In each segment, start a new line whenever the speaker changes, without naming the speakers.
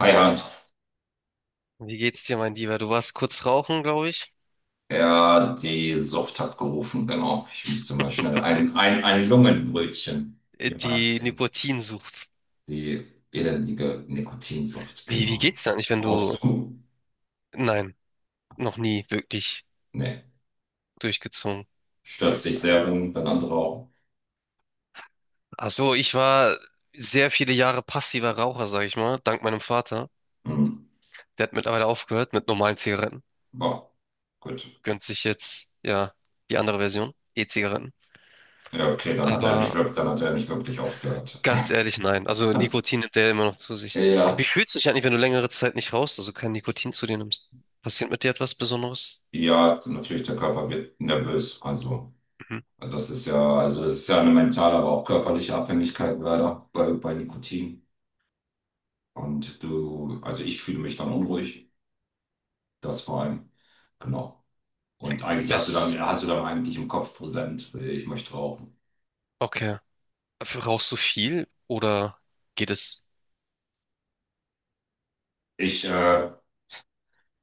Hi Hans,
Wie geht's dir, mein Lieber? Du warst kurz rauchen, glaube ich.
ja, die Sucht hat gerufen, genau. Ich musste mal schnell ein Lungenbrötchen mir
Die
reinziehen.
Nikotinsucht.
Die elendige Nikotinsucht,
Wie
genau.
geht's dir eigentlich, wenn du...
Rauchst du?
Nein, noch nie wirklich
Nee.
durchgezogen.
Stört sich sehr, wenn andere rauchen.
Ach so, ich war sehr viele Jahre passiver Raucher, sag ich mal, dank meinem Vater.
Hm.
Der hat mittlerweile aufgehört mit normalen Zigaretten.
Boah, gut.
Gönnt sich jetzt, ja, die andere Version, E-Zigaretten.
Ja, okay, dann hat er nicht
Aber
wirklich, dann hat er nicht wirklich aufgehört.
ganz ehrlich, nein. Also Nikotin nimmt der immer noch zu sich. Wie
Ja,
fühlst du dich eigentlich, wenn du längere Zeit nicht rauchst, also kein Nikotin zu dir nimmst? Passiert mit dir etwas Besonderes?
ja, natürlich, der Körper wird nervös. Also,
Mhm.
es ist ja eine mentale, aber auch körperliche Abhängigkeit leider bei Nikotin. Also ich fühle mich dann unruhig, das vor allem. Genau. Und eigentlich hast du dann,
Bis,
hast du dann eigentlich im Kopf präsent, ich möchte rauchen.
okay. Rauchst du viel oder geht es
Ich, äh,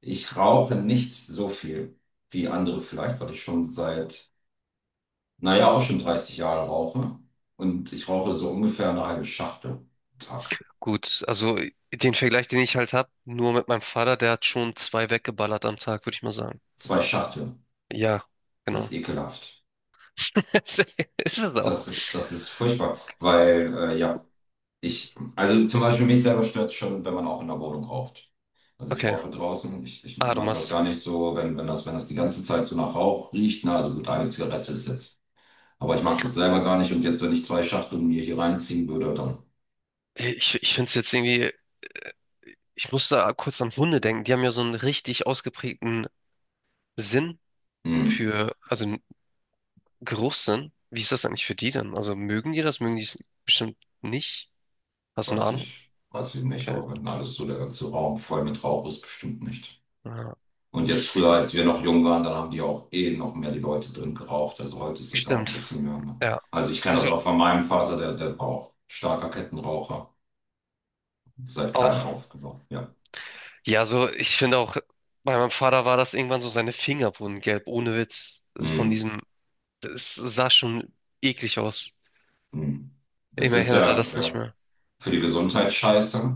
ich rauche nicht so viel wie andere vielleicht, weil ich schon seit, naja, auch schon 30 Jahre rauche. Und ich rauche so ungefähr eine halbe Schachtel am Tag.
gut? Also den Vergleich, den ich halt habe, nur mit meinem Vater, der hat schon zwei weggeballert am Tag, würde ich mal sagen.
Zwei Schachteln.
Ja,
Das
genau.
ist ekelhaft.
Ist es auch.
Das ist furchtbar, weil, ja, also zum Beispiel mich selber stört es schon, wenn man auch in der Wohnung raucht. Also ich
Okay.
rauche draußen, ich
Ah, du
mag
machst
das
es
gar nicht
nicht.
so, wenn das die ganze Zeit so nach Rauch riecht. Na, also gut, eine Zigarette ist jetzt. Aber ich mag das selber gar nicht. Und jetzt, wenn ich zwei Schachteln mir hier reinziehen würde, dann,
Ich finde es jetzt irgendwie, ich muss da kurz an Hunde denken. Die haben ja so einen richtig ausgeprägten Sinn
hm,
für, also einen Geruchssinn. Wie ist das eigentlich für die dann? Also mögen die das? Mögen die es bestimmt nicht? Hast du eine
weiß
Ahnung?
ich, weiß ich nicht.
Okay.
Aber wenn alles so der ganze Raum voll mit Rauch ist, bestimmt nicht.
Ja,
Und jetzt früher, als wir noch jung waren, dann haben die auch eh noch mehr die Leute drin geraucht. Also heute ist das ja auch ein
stimmt.
bisschen mehr. Ne?
Ja.
Also ich kenne das
Also
auch von meinem Vater, der war auch starker Kettenraucher. Seit klein
auch.
auf, genau, ja.
Ja, so, ich finde auch, bei meinem Vater war das irgendwann so, seine Finger wurden gelb, ohne Witz. Das ist von
Hm,
diesem, das sah schon eklig aus.
hm. Es ist
Immerhin hat er
ja,
das nicht
ja
mehr.
für die Gesundheit scheiße.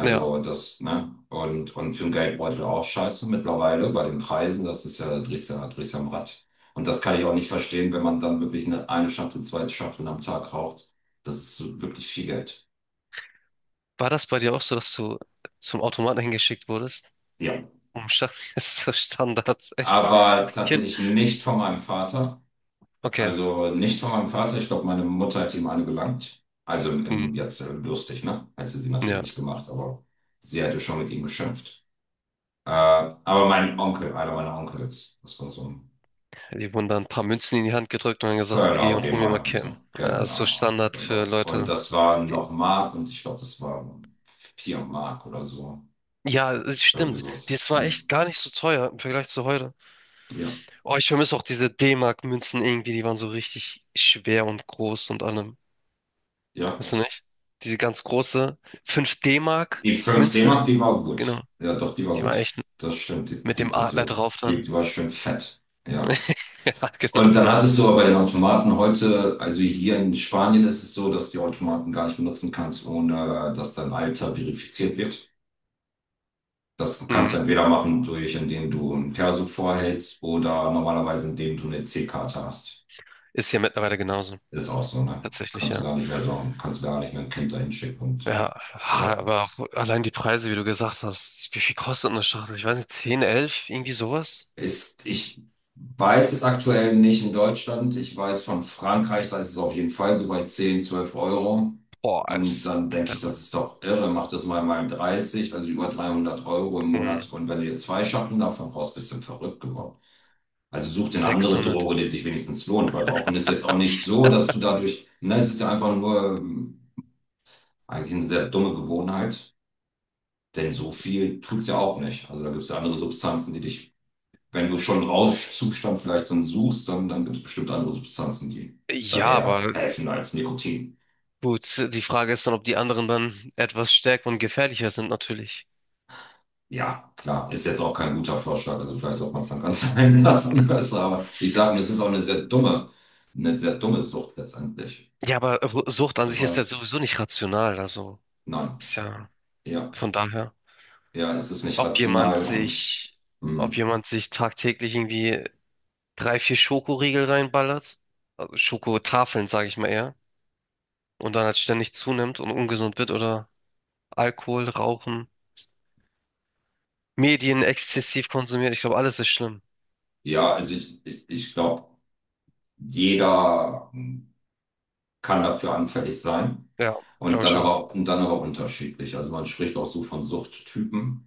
Ja,
das, ne? Und für den Geldbeutel auch scheiße mittlerweile bei den Preisen. Das ist ja, da drehst du am Rad. Und das kann ich auch nicht verstehen, wenn man dann wirklich eine Schachtel, zwei Schachteln am Tag raucht. Das ist wirklich viel Geld.
war das bei dir auch so, dass du zum Automaten hingeschickt wurdest?
Ja.
Um Sta- Das ist so Standard, echt.
Aber
Kind.
tatsächlich nicht von meinem Vater.
Okay,
Also nicht von meinem Vater, ich glaube, meine Mutter hat ihm eine gelangt. Also
hm,
jetzt lustig, ne? Hat sie sie natürlich
ja.
nicht gemacht, aber sie hätte schon mit ihm geschimpft. Aber mein Onkel, einer meiner Onkels, das war so ein
Die wurden dann ein paar Münzen in die Hand gedrückt und dann gesagt, geh
Genau,
und hol mir mal
Rehmeier und
Kippen.
so.
Ja, das ist so
Genau,
Standard für
genau. Und
Leute,
das war
die.
noch Mark und ich glaube, das war 4 Mark oder so.
Ja, es
Irgendwie
stimmt.
sowas.
Das war
Hm.
echt gar nicht so teuer im Vergleich zu heute.
Ja,
Oh, ich vermisse auch diese D-Mark-Münzen irgendwie, die waren so richtig schwer und groß und allem.
ja.
Weißt du nicht? Diese ganz große 5
Die fünf
D-Mark-Münze,
D-Mark, die war
genau.
gut. Ja, doch, die war
Die war
gut.
echt
Das stimmt, die,
mit
die,
dem
die, die
Adler
war gut.
drauf
Die,
dann.
die war schön fett. Ja.
Ja,
Und
genau.
dann hattest du aber den Automaten heute, also hier in Spanien ist es so, dass du die Automaten gar nicht benutzen kannst, ohne dass dein Alter verifiziert wird. Das kannst du
Mhm.
entweder machen durch, indem du ein Perso vorhältst oder normalerweise indem du eine EC-Karte hast.
Ist ja mittlerweile genauso.
Ist auch so, ne?
Tatsächlich,
Kannst du
ja.
gar nicht mehr so, kannst du gar nicht mehr ein Kind dahin schicken und
Ja, aber auch allein die Preise, wie du gesagt hast, wie viel kostet eine Schachtel? Ich weiß nicht, 10, 11, irgendwie sowas?
Ich weiß es aktuell nicht in Deutschland. Ich weiß von Frankreich, da ist es auf jeden Fall so bei 10, 12 Euro.
Boah,
Und
ist
dann denke ich, das
verrückt.
ist doch irre. Mach das mal 30, also über 300 Euro im
Mhm.
Monat. Und wenn du jetzt zwei Schachteln davon brauchst, bist du verrückt geworden. Also such dir eine andere
600.
Droge, die sich wenigstens lohnt, weil Rauchen ist jetzt auch nicht so, dass du dadurch, ne, es ist ja einfach nur eigentlich eine sehr dumme Gewohnheit, denn so viel tut's ja auch nicht. Also da gibt's ja andere Substanzen, die dich wenn du schon einen Rauschzustand vielleicht dann suchst, dann gibt es bestimmt andere Substanzen, die da
Ja,
eher
aber
helfen als Nikotin.
gut, die Frage ist dann, ob die anderen dann etwas stärker und gefährlicher sind, natürlich.
Ja, klar, ist jetzt auch kein guter Vorschlag. Also vielleicht sollte man es dann ganz sein lassen besser. Aber ich sage mir, es ist auch eine sehr dumme Sucht letztendlich.
Ja, aber Sucht an sich ist
Weil,
ja sowieso nicht rational, also
nein,
ist ja
ja,
von daher,
ja, es ist nicht
ob jemand
rational und
sich, ob
hm,
jemand sich tagtäglich irgendwie drei, vier Schokoriegel reinballert, also Schokotafeln, sage ich mal eher, und dann halt ständig zunimmt und ungesund wird oder Alkohol, Rauchen, Medien exzessiv konsumiert, ich glaube, alles ist schlimm.
ja, also ich glaube, jeder kann dafür anfällig sein.
Ja,
Und
glaube
dann
ich auch.
aber, und dann aber unterschiedlich. Also man spricht auch so von Suchttypen.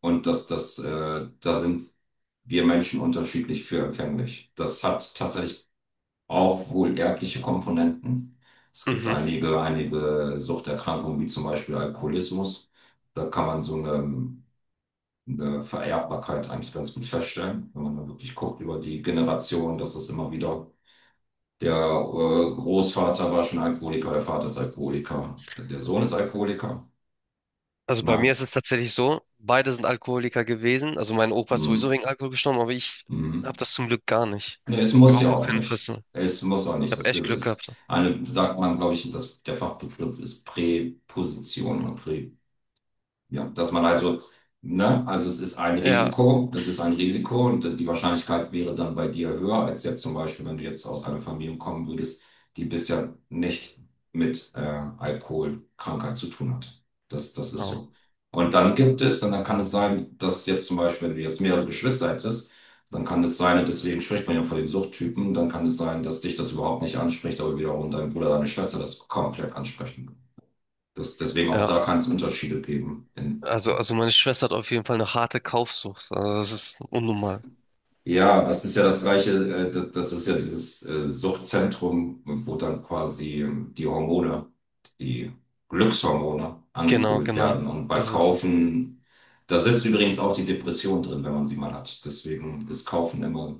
Und da sind wir Menschen unterschiedlich für empfänglich. Das hat tatsächlich auch wohl erbliche Komponenten. Es gibt
Mhm.
einige Suchterkrankungen, wie zum Beispiel Alkoholismus. Da kann man so eine Vererbbarkeit eigentlich ganz gut feststellen, wenn man da wirklich guckt über die Generation, dass es immer wieder der Großvater war schon Alkoholiker, der Vater ist Alkoholiker, der Sohn ist Alkoholiker.
Also bei mir
Na,
ist es tatsächlich so, beide sind Alkoholiker gewesen. Also mein Opa ist
mhm.
sowieso wegen Alkohol gestorben, aber ich
Mhm.
habe das zum Glück gar nicht.
Nee, es muss
Überhaupt
ja
auch
auch
kein
nicht.
Interesse.
Es muss auch
Ich
nicht.
habe
Das
echt Glück
ist
gehabt.
eine, sagt man, glaube ich, dass der Fachbegriff ist Präposition oder Prä. Ja, dass man also, ne, also es ist ein
Ja,
Risiko, es ist ein Risiko und die Wahrscheinlichkeit wäre dann bei dir höher als jetzt zum Beispiel, wenn du jetzt aus einer Familie kommen würdest, die bisher nicht mit Alkoholkrankheit zu tun hat. Das, das ist
ja,
so. Und dann gibt es, dann, dann kann es sein, dass jetzt zum Beispiel, wenn du jetzt mehrere Geschwister hättest, dann kann es sein, und deswegen spricht man ja von den Suchttypen, dann kann es sein, dass dich das überhaupt nicht anspricht, aber wiederum dein Bruder, deine Schwester das komplett ansprechen. Das, deswegen auch
ja.
da kann es Unterschiede geben. In,
Also meine Schwester hat auf jeden Fall eine harte Kaufsucht. Also das ist unnormal.
Ja, das ist ja das Gleiche, das ist ja dieses Suchtzentrum, wo dann quasi die Hormone, die Glückshormone
Genau,
angekurbelt
genau.
werden. Und bei
Das ist es.
Kaufen, da sitzt übrigens auch die Depression drin, wenn man sie mal hat. Deswegen ist Kaufen immer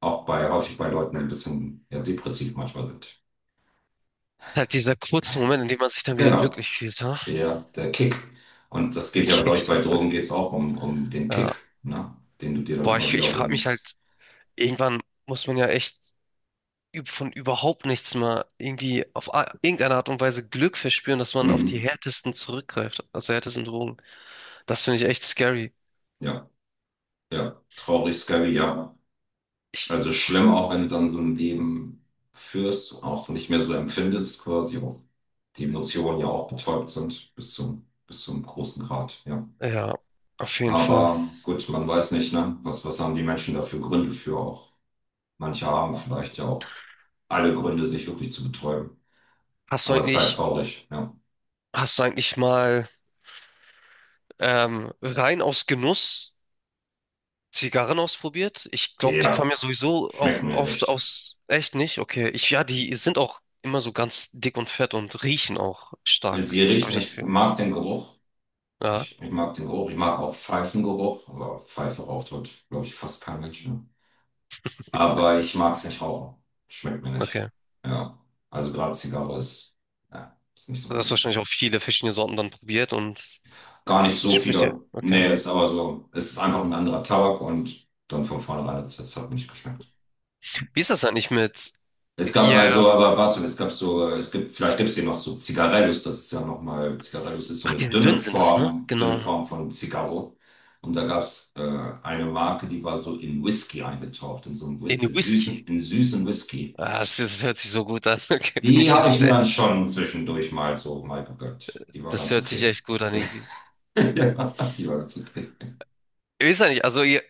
auch häufig bei Leuten, die ein bisschen ja, depressiv manchmal sind.
Es ist halt dieser kurze Moment, in dem man sich dann wieder
Genau,
glücklich fühlt, ha?
ja, der Kick. Und das
Der
geht ja, glaube ich,
Kick.
bei Drogen geht es auch um den Kick,
Ja.
ne? Den du dir dann
Boah,
immer
ich
wieder
frage mich halt,
holst.
irgendwann muss man ja echt von überhaupt nichts mehr irgendwie auf irgendeine Art und Weise Glück verspüren, dass man auf die
Mhm.
härtesten zurückgreift, also härtesten Drogen. Das finde ich echt scary.
Ja, ja, traurig, scary, ja.
Ich,
Also schlimm, auch wenn du dann so ein Leben führst, auch nicht mehr so empfindest, quasi auch die Emotionen ja auch betäubt sind bis zum großen Grad, ja.
ja, auf jeden Fall.
Aber gut, man weiß nicht, ne? Was haben die Menschen da für Gründe für auch? Manche haben vielleicht ja auch alle Gründe, sich wirklich zu betäuben.
Hast du
Aber es ist halt
eigentlich,
traurig, ja.
hast du eigentlich mal rein aus Genuss Zigarren ausprobiert? Ich glaube, die kommen ja
Ja,
sowieso
schmeckt
auch
mir
oft
nicht.
aus, echt nicht? Okay, ja, die sind auch immer so ganz dick und fett und riechen auch stark,
Sie
habe ich
riechen,
das
ich
Gefühl.
mag den Geruch.
Ja,
Ich mag den Geruch. Ich mag auch Pfeifengeruch, aber Pfeife raucht heute, glaube ich, fast kein Mensch, ne? Aber ich mag es nicht rauchen. Schmeckt mir nicht.
okay.
Ja. Also gerade Zigarre ist, ja, ist nicht so
Du
mein
hast
Ding.
wahrscheinlich auch viele verschiedene Sorten dann probiert und.
Gar nicht so
Spricht ihr,
viele.
okay.
Nee, ist aber so. Es ist einfach ein anderer Tabak und dann von vornherein hat mir nicht geschmeckt.
Wie ist das eigentlich mit
Es gab mal
ihr?
so, aber warte, es gab so, es gibt, vielleicht gibt es hier noch so Zigarellos, das ist ja nochmal, Zigarellos ist so
Ach,
eine
die dünnen sind das, ne?
Dünne
Genau.
Form von Zigarro. Und da gab es eine Marke, die war so in Whisky eingetaucht, in so einen Whi-
In Whisky.
süßen, in süßen Whisky.
Ah, das hört sich so gut an, okay, bin
Die
ich
habe ich
ganz
mir dann
ehrlich.
schon zwischendurch mal so mal gegönnt. Die war
Das
ganz
hört sich
okay.
echt gut an irgendwie.
Ja, die war ganz okay.
Ich weiß ja nicht, also ihr,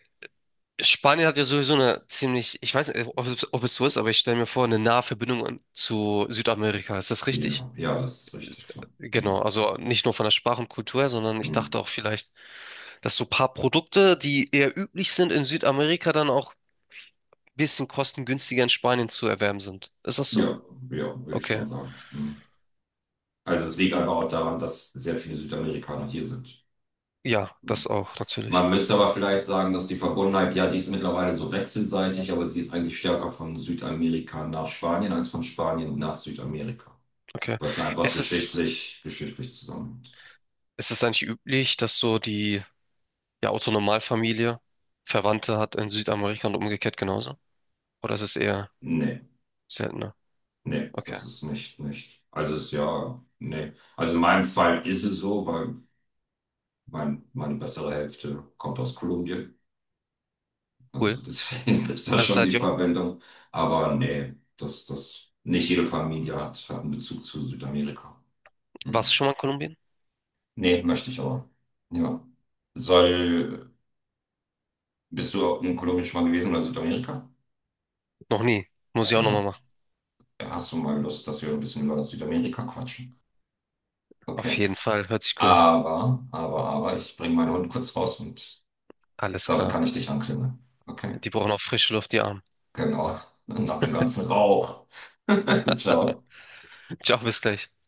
Spanien hat ja sowieso eine ziemlich, ich weiß nicht, ob es so ist, aber ich stelle mir vor, eine nahe Verbindung zu Südamerika. Ist das richtig?
Ja, ja, das ist richtig, klar.
Genau,
Hm.
also nicht nur von der Sprache und Kultur her, sondern ich
Hm.
dachte auch vielleicht, dass so ein paar Produkte, die eher üblich sind in Südamerika, dann auch ein bisschen kostengünstiger in Spanien zu erwerben sind. Ist das so?
Ja, ja, würde ich schon
Okay.
sagen. Hm. Also es liegt einfach auch daran, dass sehr viele Südamerikaner hier sind.
Ja, das
Hm.
auch, natürlich.
Man müsste aber vielleicht sagen, dass die Verbundenheit, ja, die ist mittlerweile so wechselseitig, aber sie ist eigentlich stärker von Südamerika nach Spanien als von Spanien nach Südamerika.
Okay.
Was ja einfach
Ist es,
geschichtlich zusammenhängt.
ist es eigentlich üblich, dass so die, ja, Otto-Normalfamilie Verwandte hat in Südamerika und umgekehrt genauso? Oder ist es eher
Nee.
seltener?
Nee,
Okay.
das ist nicht, nicht. Also ist ja, nee. Also in meinem Fall ist es so, weil meine bessere Hälfte kommt aus Kolumbien.
Cool.
Also deswegen ist das
Also
schon die
seid ihr auch,
Verwendung. Aber nee, nicht jede Familie hat einen Bezug zu Südamerika.
warst
Hm.
du schon mal in Kolumbien?
Nee, möchte ich aber. Ja. Soll, bist du in Kolumbien schon mal gewesen oder Südamerika?
Noch nie. Muss ich auch nochmal
Ja.
machen.
Ja, hast du mal Lust, dass wir ein bisschen über Südamerika quatschen?
Auf
Okay.
jeden Fall. Hört sich cool an.
Aber, ich bringe meinen Hund kurz raus und
Alles
dann
klar.
kann ich dich anklingeln. Okay,
Die brauchen auch frische Luft, die Armen.
genau. Nach dem ganzen Rauch. Ciao.
Ciao, bis gleich.